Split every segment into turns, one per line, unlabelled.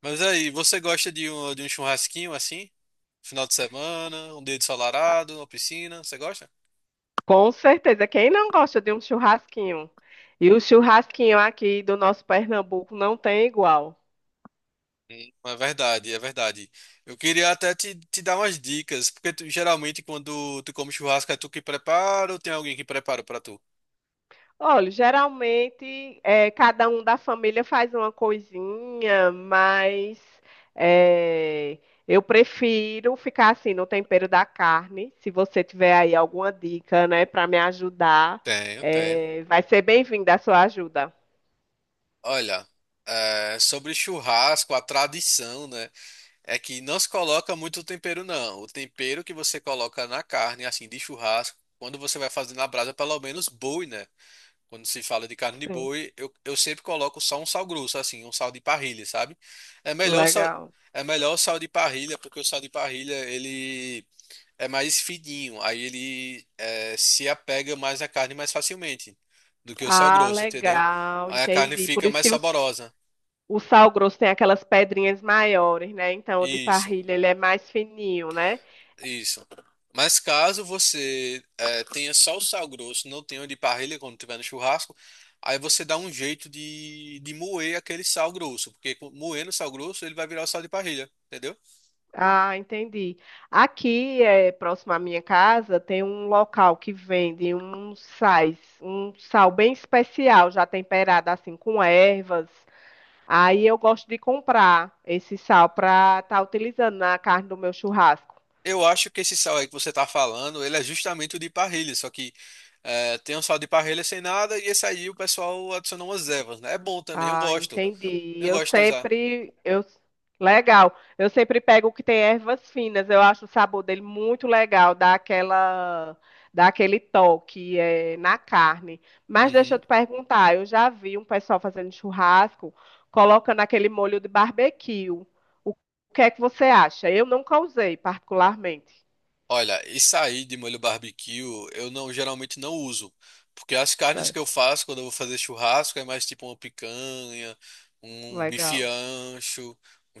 Mas aí, você gosta de um churrasquinho assim? Final de semana, um dia ensolarado, uma piscina, você gosta?
Com certeza. Quem não gosta de um churrasquinho? E o churrasquinho aqui do nosso Pernambuco não tem igual.
Sim. É verdade. Eu queria até te dar umas dicas, porque geralmente quando tu come churrasco é tu que prepara ou tem alguém que prepara pra tu?
Olha, geralmente cada um da família faz uma coisinha, mas eh, eu prefiro ficar assim no tempero da carne. Se você tiver aí alguma dica, né, para me ajudar,
Tenho.
vai ser bem-vinda a sua ajuda.
Olha, sobre churrasco, a tradição, né, é que não se coloca muito tempero, não. O tempero que você coloca na carne, assim, de churrasco, quando você vai fazer na brasa, é pelo menos boi, né? Quando se fala de carne de
Sim,
boi, eu sempre coloco só um sal grosso, assim, um sal de parrilha, sabe? É melhor o sal,
legal.
é melhor o sal de parrilha, porque o sal de parrilha, ele é mais fininho, aí ele se apega mais à carne mais facilmente do que o sal
Ah,
grosso, entendeu?
legal,
Aí a carne
entendi. Por
fica
isso
mais
que eu.
saborosa.
O sal grosso tem aquelas pedrinhas maiores, né? Então, o de
Isso.
parrilha, ele é mais fininho, né?
Isso. Mas caso você tenha só o sal grosso, não tenha o de parrilha quando tiver no churrasco, aí você dá um jeito de moer aquele sal grosso, porque moendo o sal grosso ele vai virar o sal de parrilha, entendeu?
Ah, entendi. Aqui, é, próximo à minha casa, tem um local que vende um sais, um sal bem especial, já temperado assim com ervas. Aí eu gosto de comprar esse sal para estar utilizando na carne do meu churrasco.
Eu acho que esse sal aí que você tá falando, ele é justamente o de parrilha, só que tem um sal de parrilha sem nada e esse aí o pessoal adicionou umas ervas, né? É bom também, eu
Ah,
gosto.
entendi.
Eu
Eu
gosto de usar.
sempre, eu, legal. Eu sempre pego o que tem ervas finas. Eu acho o sabor dele muito legal, dá aquela, dá aquele toque na carne. Mas deixa eu
Uhum.
te perguntar, eu já vi um pessoal fazendo churrasco, colocando aquele molho de barbecue. O que é que você acha? Eu nunca usei particularmente.
Olha, isso aí de molho barbecue eu não geralmente não uso, porque as carnes que eu
Certo.
faço quando eu vou fazer churrasco é mais tipo uma picanha, um bife
Legal.
ancho, um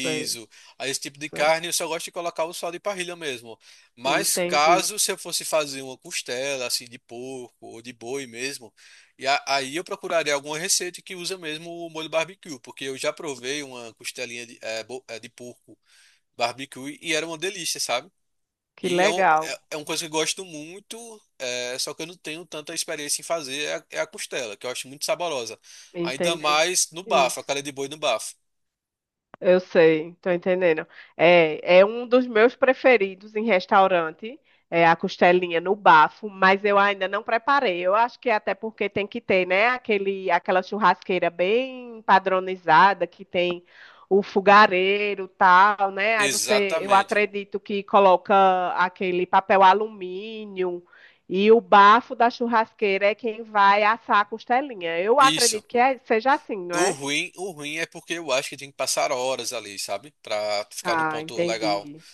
Sei,
Aí esse tipo de
sei.
carne eu só gosto de colocar o sal de parrilha mesmo. Mas
Entendi.
caso se eu fosse fazer uma costela assim de porco ou de boi mesmo, aí eu procuraria alguma receita que usa mesmo o molho barbecue, porque eu já provei uma costelinha de, eh, bo- eh, de porco barbecue e era uma delícia, sabe?
Que legal.
É uma coisa que eu gosto muito, só que eu não tenho tanta experiência em fazer, é a costela, que eu acho muito saborosa. Ainda
Entendi.
mais no bafo, a
Isso.
cara de boi no bafo.
Eu sei, tô entendendo. É, é um dos meus preferidos em restaurante, é a costelinha no bafo, mas eu ainda não preparei. Eu acho que é até porque tem que ter, né, aquele, aquela churrasqueira bem padronizada que tem o fogareiro, tal, né? Aí você, eu
Exatamente.
acredito que coloca aquele papel alumínio e o bafo da churrasqueira é quem vai assar a costelinha. Eu
Isso.
acredito que é- seja assim, não
O
é?
ruim, o ruim é porque eu acho que tem que passar horas ali, sabe? Pra ficar no
Ah,
ponto legal.
entendi.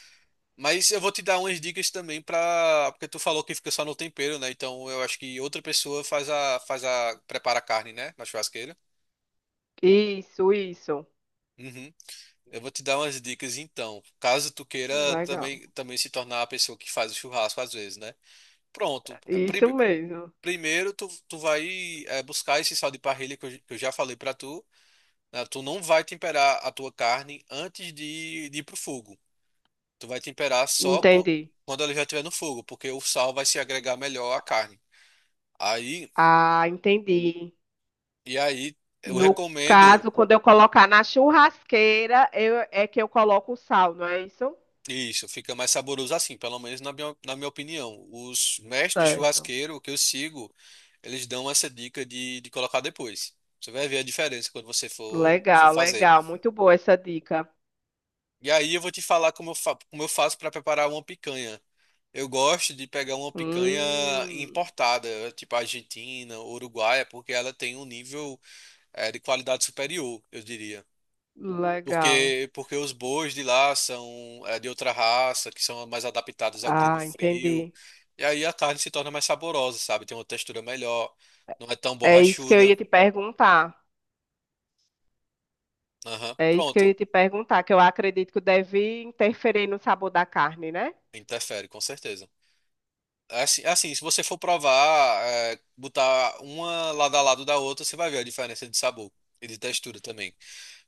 Mas eu vou te dar umas dicas também pra. Porque tu falou que fica só no tempero, né? Então eu acho que outra pessoa prepara a carne, né? Na churrasqueira.
Isso, isso.
Uhum. Eu vou te dar umas dicas então, caso tu queira
Legal.
também, também se tornar a pessoa que faz o churrasco às vezes, né? Pronto, é,
Isso
pri-
mesmo.
primeiro tu vai buscar esse sal de parrilha que eu já falei pra tu, né? Tu não vai temperar a tua carne antes de ir pro fogo. Tu vai temperar só com-
Entendi.
quando ela já estiver no fogo, porque o sal vai se agregar melhor à carne. Aí,
Ah, entendi.
aí eu
No
recomendo
caso, quando eu colocar na churrasqueira, eu- é que eu coloco o sal, não é isso?
isso, fica mais saboroso assim, pelo menos na minha opinião. Os mestres
Certo.
churrasqueiros que eu sigo eles dão essa dica de colocar depois. Você vai ver a diferença quando você for
Legal,
fazer.
legal. Muito boa essa dica.
E aí eu vou te falar como eu, fa como eu faço para preparar uma picanha. Eu gosto de pegar uma picanha
Hum,
importada, tipo argentina, uruguaia, porque ela tem um nível de qualidade superior, eu diria.
legal.
Porque os bois de lá são de outra raça, que são mais adaptados ao clima
Ah,
frio.
entendi.
E aí a carne se torna mais saborosa, sabe? Tem uma textura melhor, não é tão
É isso que eu
borrachuda.
ia te perguntar.
Aham.
É isso que eu ia
Pronto.
te perguntar, que eu acredito que deve interferir no sabor da carne, né?
Interfere, com certeza. É assim, se você for provar, botar uma lado a lado da outra, você vai ver a diferença de sabor e de textura também.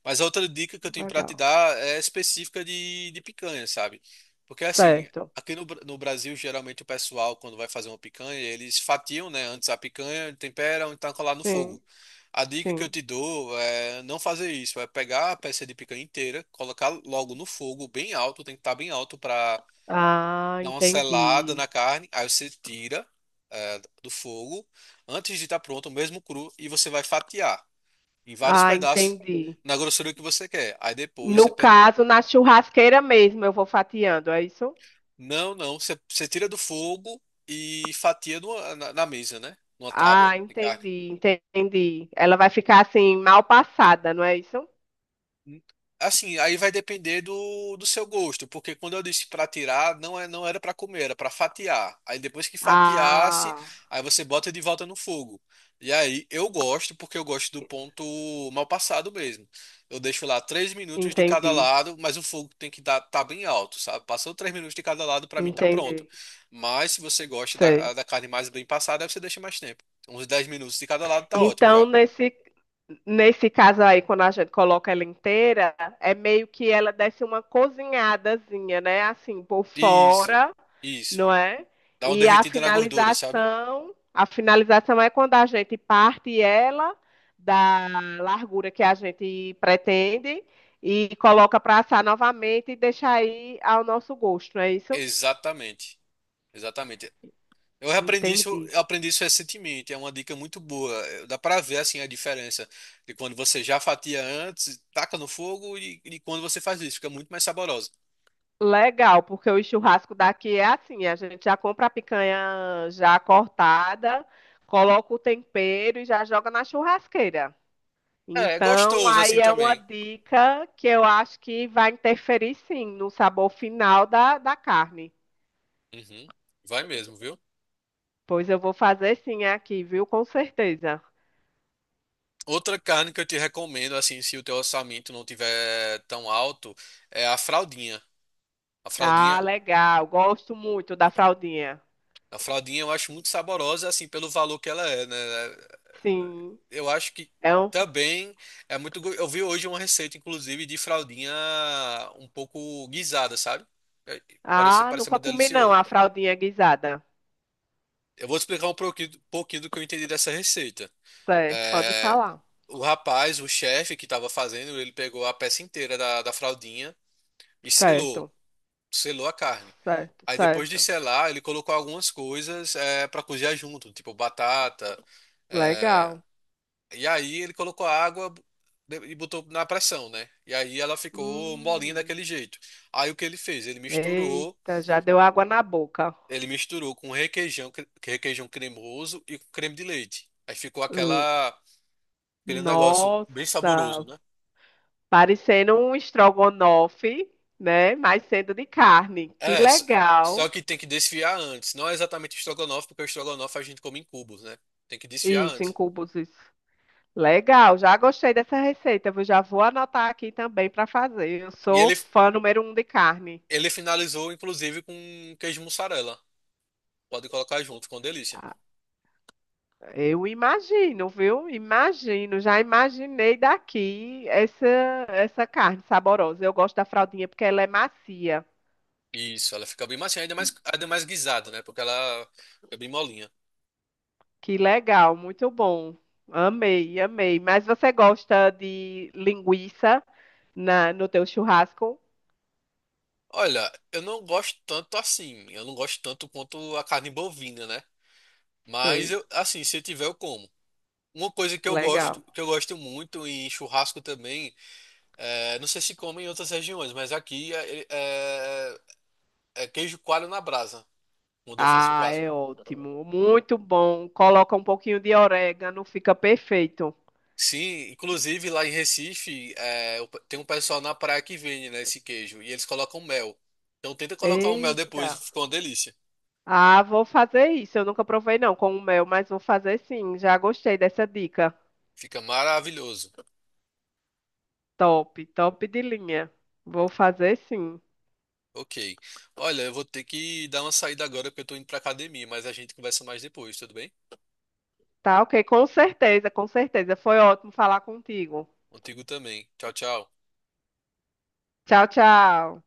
Mas a outra dica que eu tenho pra te
Legal.
dar é específica de picanha, sabe? Porque assim,
Certo.
aqui no, Bra- no Brasil, geralmente o pessoal, quando vai fazer uma picanha, eles fatiam, né, antes a picanha, temperam e tacam lá no
Sim,
fogo. A dica que eu
sim.
te dou é não fazer isso, é pegar a peça de picanha inteira, colocar logo no fogo, bem alto, tem que estar bem alto para
Ah,
dá uma selada na
entendi.
carne, aí você tira do fogo antes de estar pronto, mesmo cru, e você vai fatiar em vários
Ah,
pedaços
entendi.
na grossura que você quer. Aí depois
No
você
caso, na churrasqueira mesmo, eu vou fatiando, é isso?
não, não, você tira do fogo e fatia na mesa, né? Numa tábua
Ah,
de carne.
entendi, entendi. Ela vai ficar assim, mal passada, não é isso?
Assim, aí vai depender do seu gosto, porque quando eu disse para tirar, não, não era para comer, era para fatiar. Aí depois que fatiasse,
Ah,
aí você bota de volta no fogo. E aí eu gosto, porque eu gosto do ponto mal passado mesmo. Eu deixo lá três minutos de cada
entendi,
lado, mas o fogo tem que estar bem alto, sabe? Passou três minutos de cada lado, para mim tá pronto.
entendi.
Mas se você gosta da,
Sei.
da carne mais bem passada, aí você deixa mais tempo. Uns 10 minutos de cada lado tá ótimo
Então,
já.
nesse, nesse caso aí, quando a gente coloca ela inteira, é meio que ela desce uma cozinhadazinha, né? Assim, por
Isso,
fora,
isso.
não é?
Dá uma
E
derretida na gordura, sabe?
a finalização é quando a gente parte ela da largura que a gente pretende e coloca para assar novamente e deixa aí ao nosso gosto, não é isso?
Exatamente. Exatamente. Eu aprendi isso,
Entendi.
eu aprendi isso recentemente, é uma dica muito boa. Dá pra ver assim a diferença de quando você já fatia antes, taca no fogo e quando você faz isso, fica muito mais saborosa.
Legal, porque o churrasco daqui é assim, a gente já compra a picanha já cortada, coloca o tempero e já joga na churrasqueira.
É, é
Então,
gostoso
aí
assim
é uma
também.
dica que eu acho que vai interferir sim no sabor final da, da carne.
Uhum. Vai mesmo, viu?
Pois eu vou fazer sim aqui, viu? Com certeza.
Outra carne que eu te recomendo assim, se o teu orçamento não tiver tão alto, é a fraldinha. A
Ah,
fraldinha,
legal. Gosto muito da fraldinha.
a fraldinha eu acho muito saborosa assim pelo valor que ela é, né?
Sim.
Eu acho que
É um...
também é muito. Eu vi hoje uma receita, inclusive, de fraldinha um pouco guisada, sabe? É, Parece,
Ah,
parece
nunca
muito
comi não
delicioso.
a fraldinha guisada.
Eu vou te explicar um pouquinho do que eu entendi dessa receita.
Certo, pode
É,
falar.
o rapaz, o chefe que estava fazendo, ele pegou a peça inteira da fraldinha e selou,
Certo.
selou a carne.
Certo,
Aí depois de
certo.
selar, ele colocou algumas coisas para cozinhar junto, tipo batata, é,
Legal.
e aí ele colocou a água e botou na pressão, né? E aí ela ficou molinha
Hum,
daquele jeito. Aí o que ele fez? Ele misturou,
eita, já deu água na boca.
ele misturou com requeijão, requeijão cremoso e com creme de leite. Aí ficou
Hum,
aquela, aquele negócio bem saboroso,
nossa,
né?
parecendo um estrogonofe, né? Mas sendo de carne. Que
É, s- só
legal.
que tem que desfiar antes. Não é exatamente estrogonofe, porque o estrogonofe a gente come em cubos, né? Tem que desfiar
Isso, em
antes.
cubos, isso. Legal, já gostei dessa receita. Eu já vou anotar aqui também para fazer. Eu
E
sou
ele,
fã número um de carne.
ele finalizou, inclusive, com queijo mussarela. Pode colocar junto, ficou uma delícia.
Eu imagino, viu? Imagino, já imaginei daqui essa essa carne saborosa. Eu gosto da fraldinha porque ela é macia.
Isso, ela fica bem macia, ainda mais guisada, né? Porque ela é bem molinha.
Que legal, muito bom. Amei, amei. Mas você gosta de linguiça na, no teu churrasco?
Olha, eu não gosto tanto assim. Eu não gosto tanto quanto a carne bovina, né? Mas
Sei,
eu, assim, se tiver, eu como. Uma coisa
legal.
que eu gosto muito em churrasco também, é, não sei se come em outras regiões, mas é queijo coalho na brasa, quando eu faço um
Ah,
churrasco.
é ótimo, muito bom. Coloca um pouquinho de orégano, fica perfeito.
Sim, inclusive lá em Recife, tem um pessoal na praia que vende, né, esse queijo, e eles colocam mel. Então tenta colocar o mel
Eita.
depois, fica uma delícia.
Ah, vou fazer isso. Eu nunca provei não com o mel, mas vou fazer sim. Já gostei dessa dica.
Fica maravilhoso.
Top, top de linha. Vou fazer sim.
Ok. Olha, eu vou ter que dar uma saída agora porque eu tô indo pra academia, mas a gente conversa mais depois, tudo bem?
Tá ok, com certeza, com certeza. Foi ótimo falar contigo.
Contigo também. Tchau, tchau.
Tchau, tchau.